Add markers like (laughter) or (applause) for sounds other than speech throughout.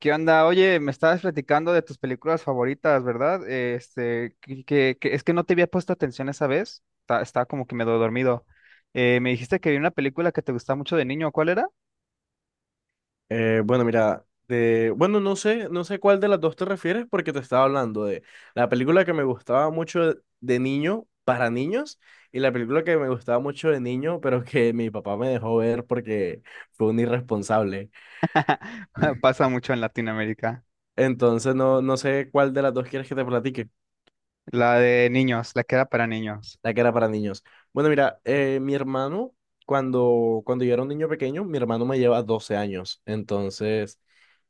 ¿Qué onda? Oye, me estabas platicando de tus películas favoritas, ¿verdad? Es que no te había puesto atención esa vez. Estaba como que medio dormido. Me dijiste que vi una película que te gustaba mucho de niño. ¿Cuál era? Bueno, mira, bueno, no sé cuál de las dos te refieres porque te estaba hablando de la película que me gustaba mucho de niño para niños y la película que me gustaba mucho de niño, pero que mi papá me dejó ver porque fue un irresponsable. (laughs) Pasa mucho en Latinoamérica. Entonces, no, no sé cuál de las dos quieres que te platique, La de niños, la que era para niños. la que era para niños. Bueno, mira, mi hermano, cuando yo era un niño pequeño, mi hermano me lleva 12 años. Entonces,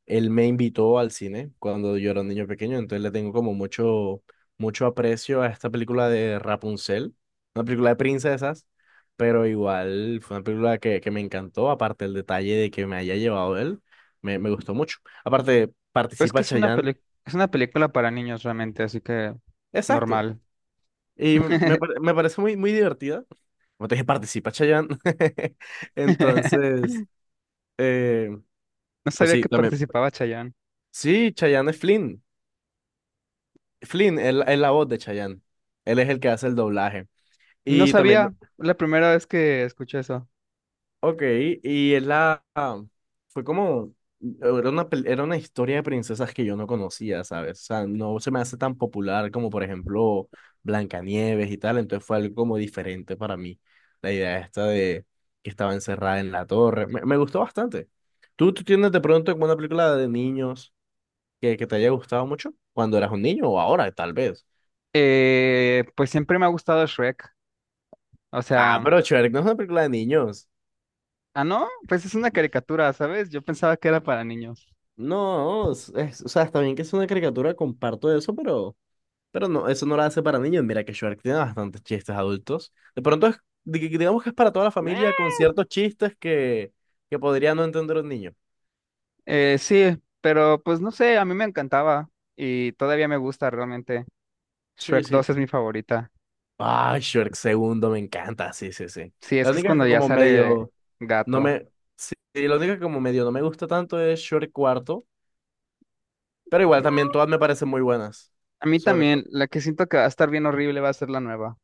él me invitó al cine cuando yo era un niño pequeño, entonces le tengo como mucho, mucho aprecio a esta película de Rapunzel, una película de princesas, pero igual fue una película que me encantó, aparte el detalle de que me haya llevado él, me gustó mucho. Aparte, Pues que participa es Chayanne, es una película para niños realmente, así que exacto, normal. y me, (laughs) pare- me parece muy, muy divertida. Como te dije, participa Chayanne. (laughs) Entonces, eh, No pues sabía sí, que también. participaba Chayanne. Sí, Chayanne es Flynn. Flynn él es la voz de Chayanne. Él es el que hace el doblaje. No Y también. sabía, la primera vez que escuché eso. Ok. Y es la, fue como, era una historia de princesas que yo no conocía, ¿sabes? O sea, no se me hace tan popular como, por ejemplo, Blancanieves y tal. Entonces fue algo como diferente para mí. La idea esta de que estaba encerrada en la torre. Me gustó bastante. ¿Tú tienes de pronto como una película de niños que te haya gustado mucho? Cuando eras un niño o ahora, tal vez. Pues siempre me ha gustado Shrek. O Ah, sea. pero Shrek no es una película de niños. Ah, ¿no? Pues es una caricatura, ¿sabes? Yo pensaba que era para niños. No, o sea, está bien que es una caricatura, comparto eso, pero no, eso no la hace para niños. Mira que Shrek tiene bastantes chistes adultos. De pronto es, digamos que es para toda la familia Eh, con ciertos chistes que podría no entender un niño. Sí, pero pues no sé, a mí me encantaba y todavía me gusta realmente. Sí, Shrek sí. dos es mi favorita. Ah, Shrek segundo, me encanta, sí, sí, sí. Sí, es La que es única que cuando ya como sale medio no gato. me, sí, sí, la única que como medio no me gusta tanto es Shrek cuarto, pero igual también todas me parecen muy buenas. A mí Sobre todo. también, la que siento que va a estar bien horrible va a ser la nueva.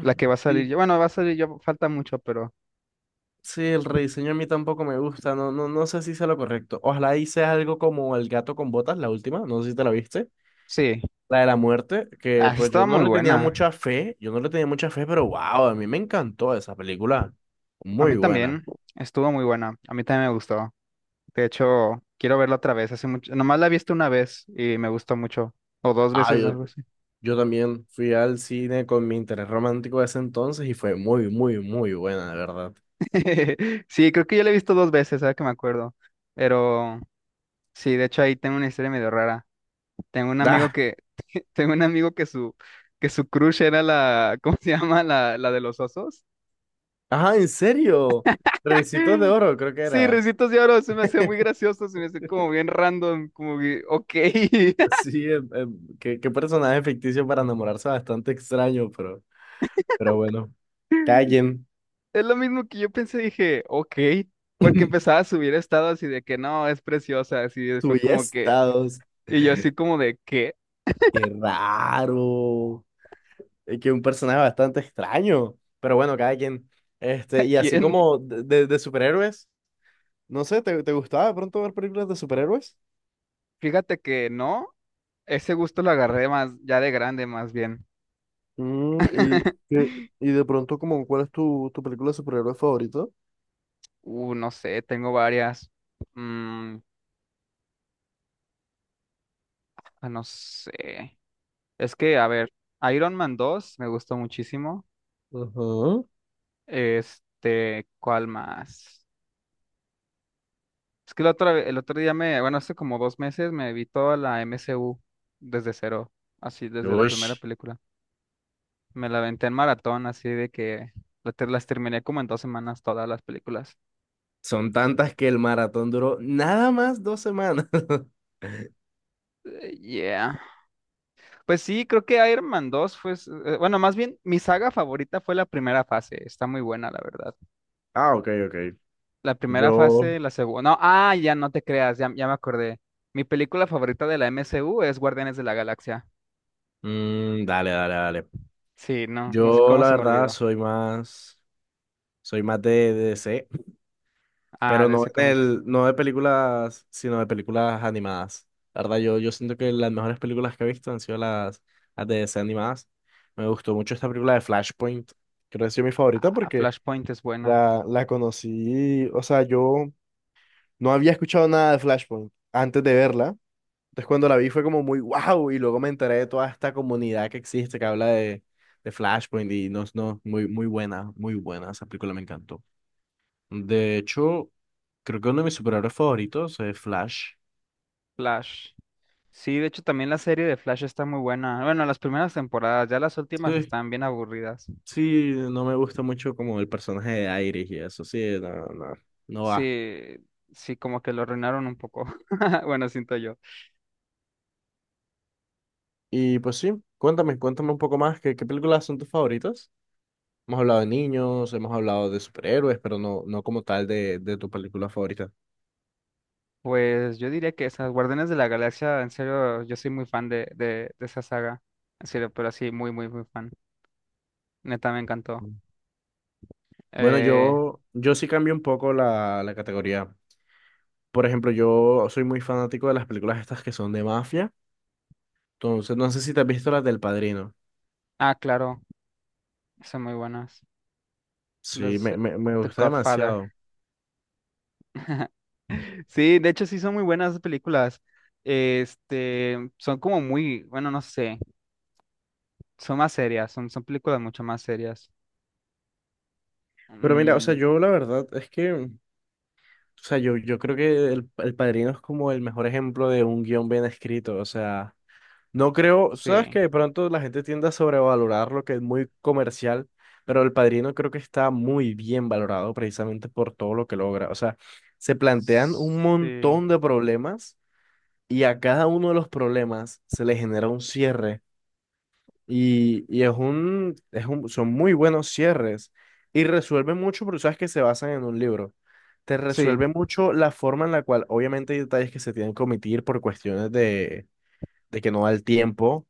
La que va a salir sí. yo. Bueno, va a salir yo, falta mucho, pero Sí, el rediseño a mí tampoco me gusta, no, no, no sé si sea lo correcto. Ojalá hice algo como El gato con botas, la última, no sé si te la viste, sí. la de la muerte, que Ah, pues yo estaba no muy le tenía buena. mucha fe, yo no le tenía mucha fe, pero wow, a mí me encantó esa película, A mí muy buena. también. Estuvo muy buena. A mí también me gustó. De hecho, quiero verla otra vez. Hace mucho, nomás la he visto una vez y me gustó mucho. O dos Ah, veces, yo, algo así. yo también fui al cine con mi interés romántico de ese entonces y fue muy, muy, muy buena, de verdad. (laughs) Sí, creo que yo la he visto dos veces, ahora que me acuerdo. Pero sí, de hecho ahí tengo una historia medio rara. Tengo un amigo Ah, que, (laughs) tengo un amigo que su crush era la, (laughs) ¿cómo se llama? La de los osos. ajá, en serio, Ricitos de (laughs) Oro creo que Sí, era. Ricitos de Oro, se me hacía muy (laughs) gracioso, se me hacía como bien random, como que, ok. Sí, qué personaje ficticio para enamorarse bastante extraño, pero bueno, (laughs) callen. Es lo mismo que yo pensé, dije, ok, porque (laughs) empezaba a subir estados así de que no, es preciosa, así después como que, Estados, y yo así como de, ¿qué? qué raro. Es que un personaje bastante extraño, pero bueno, cada quien. (laughs) ¿A Este, y así quién? como de, de superhéroes, no sé, ¿te gustaba de pronto ver películas de superhéroes? Fíjate que no, ese gusto lo agarré más, ya de grande más bien. Mm, y, (laughs) qué- y de pronto, como, ¿cuál es tu película de superhéroes favorita? No sé, tengo varias. Mm, no sé. Es que, a ver, Iron Man 2 me gustó muchísimo. Ujú. Este, ¿cuál más? Es que el otro día me, bueno, hace como 2 meses me vi toda la MCU desde cero, así desde la primera Ush, película. Me la aventé en maratón, así de que las terminé como en 2 semanas todas las películas. son tantas que el maratón duró nada más 2 semanas. (laughs) Yeah. Pues sí, creo que Iron Man 2 fue, bueno, más bien mi saga favorita fue la primera fase, está muy buena, la verdad. Ah, ok, ok. La primera Yo, fase, la segunda, no, ah, ya no te creas, ya, ya me acordé. Mi película favorita de la MCU es Guardianes de la Galaxia. Dale, dale, dale. Sí, no, no sé Yo, cómo la se me verdad, olvidó. soy más de DC, Ah, pero de no ese en cómics. el, no de películas, sino de películas animadas. La verdad, yo siento que las mejores películas que he visto han sido las de DC animadas. Me gustó mucho esta película de Flashpoint. Creo que ha sido mi favorita Ah, porque Flashpoint es buena. la conocí, o sea, yo no había escuchado nada de Flashpoint antes de verla. Entonces cuando la vi fue como muy wow y luego me enteré de toda esta comunidad que existe que habla de Flashpoint y no, no, muy, muy buena, esa película me encantó. De hecho, creo que uno de mis superhéroes favoritos es Flash. Flash. Sí, de hecho también la serie de Flash está muy buena. Bueno, las primeras temporadas, ya las últimas Sí, están bien aburridas. sí, no me gusta mucho como el personaje de Iris y eso, sí, no, no, no va. Sí, sí, como que lo arruinaron un poco. (laughs) Bueno, siento yo. Y pues sí, cuéntame un poco más, ¿qué películas son tus favoritas? Hemos hablado de niños, hemos hablado de superhéroes, pero no, no como tal de tu película favorita. Pues yo diría que esas Guardianes de la Galaxia, en serio, yo soy muy fan de esa saga. En serio, pero así, muy, muy, muy fan. Neta, me encantó. Bueno, Eh, yo sí cambio un poco la categoría. Por ejemplo, yo soy muy fanático de las películas estas que son de mafia. Entonces, no sé si te has visto las del Padrino. ah, claro, son muy buenas. Sí, Los me, me, me The gusta Godfather. demasiado. Sí, de hecho sí son muy buenas esas películas. Este, son como muy, bueno, no sé, son más serias, son, son películas mucho más serias. Pero mira, o sea, Mm, yo la verdad es que, o sea, yo creo que el Padrino es como el mejor ejemplo de un guión bien escrito. O sea, no creo, sabes sí, que de pronto la gente tiende a sobrevalorar lo que es muy comercial, pero El Padrino creo que está muy bien valorado precisamente por todo lo que logra. O sea, se plantean un sí, montón de problemas y a cada uno de los problemas se le genera un cierre y es un, son muy buenos cierres y resuelven mucho, pero sabes que se basan en un libro. Te sí, resuelve mucho la forma en la cual, obviamente hay detalles que se tienen que omitir por cuestiones de que no da el tiempo,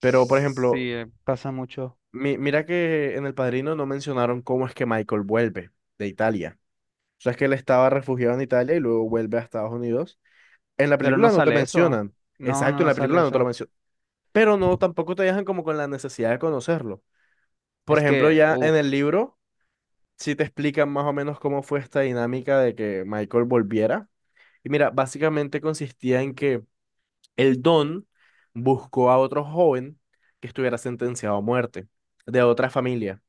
pero, por ejemplo, pasa mucho. mira que en El Padrino no mencionaron cómo es que Michael vuelve de Italia. O sea, es que él estaba refugiado en Italia y luego vuelve a Estados Unidos. En la Pero no película no te sale eso. mencionan. No, no, Exacto, en no la sale película no te lo eso. mencionan. Pero no, tampoco te dejan como con la necesidad de conocerlo. Por Es ejemplo, que, ya en uff, el libro sí te explican más o menos cómo fue esta dinámica de que Michael volviera. Y mira, básicamente consistía en que el Don buscó a otro joven que estuviera sentenciado a muerte de otra familia.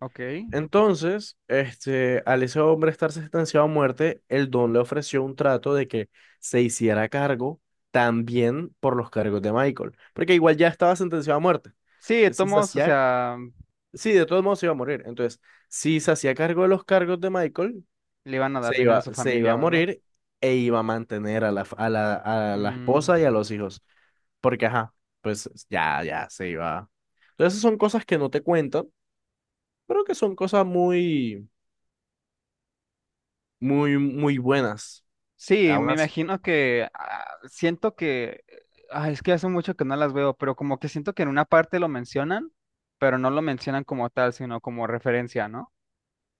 ok. Entonces, este, al ese hombre estar sentenciado a muerte, el don le ofreció un trato de que se hiciera cargo también por los cargos de Michael, porque igual ya estaba sentenciado a muerte. Sí, de todos Si se modos, o hacía, sea, sí, de todos modos se iba a morir. Entonces, si se hacía cargo de los cargos de Michael, le iban a dar se dinero a iba, su se iba familia a o algo. morir e iba a mantener a la, f- a la Mm, esposa y a los hijos, porque ajá, pues ya se iba. Entonces, esas son cosas que no te cuentan, pero que son cosas muy muy, muy buenas. sí, me Algunas. imagino que siento que, es que hace mucho que no las veo, pero como que siento que en una parte lo mencionan, pero no lo mencionan como tal, sino como referencia, ¿no?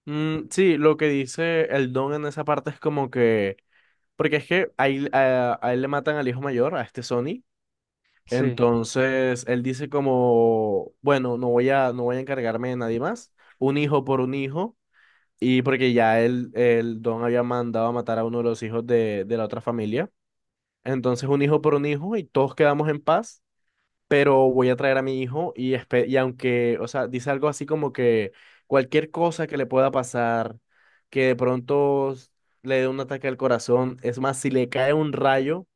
Mm, sí, lo que dice el Don en esa parte es como que, porque es que ahí a él le matan al hijo mayor, a este Sony. Sí. Entonces, él dice como, bueno, no voy a encargarme de nadie más, un hijo por un hijo, y porque ya él, el Don había mandado a matar a uno de los hijos de la otra familia. Entonces, un hijo por un hijo y todos quedamos en paz, pero voy a traer a mi hijo y aunque, o sea, dice algo así como que cualquier cosa que le pueda pasar, que de pronto le dé un ataque al corazón, es más, si le cae un rayo,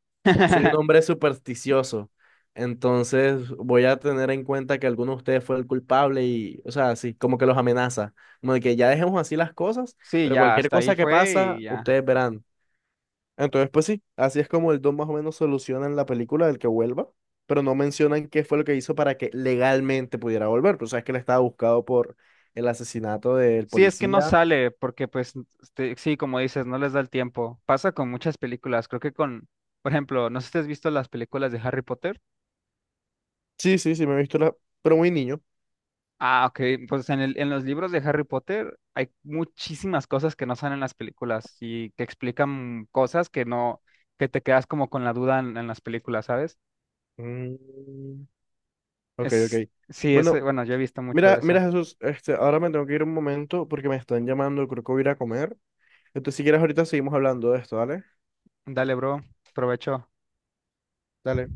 soy un (laughs) hombre supersticioso, entonces voy a tener en cuenta que alguno de ustedes fue el culpable y, o sea, así, como que los amenaza, como de que ya dejemos así las cosas, Sí, pero ya, cualquier hasta ahí cosa que fue pasa, y ya. ustedes verán. Entonces, pues sí, así es como el Don más o menos soluciona en la película del que vuelva, pero no mencionan qué fue lo que hizo para que legalmente pudiera volver. Pues sabes que él estaba buscado por el asesinato del Sí, es que no policía. sale porque pues este, sí, como dices, no les da el tiempo. Pasa con muchas películas, creo que con, por ejemplo, no sé si has visto las películas de Harry Potter. Sí, sí, sí, me he visto la, pero muy niño. Ah, ok. Pues en el, en los libros de Harry Potter hay muchísimas cosas que no salen en las películas y que explican cosas que no, que te quedas como con la duda en las películas, ¿sabes? Mm, ok, ok. Es, sí, es, Bueno, bueno, yo he visto mucho mira, de mira eso. Jesús, este, ahora me tengo que ir un momento porque me están llamando, creo que voy a ir a comer. Entonces, si quieres, ahorita seguimos hablando de esto, ¿vale? Dale, bro, provecho. Dale.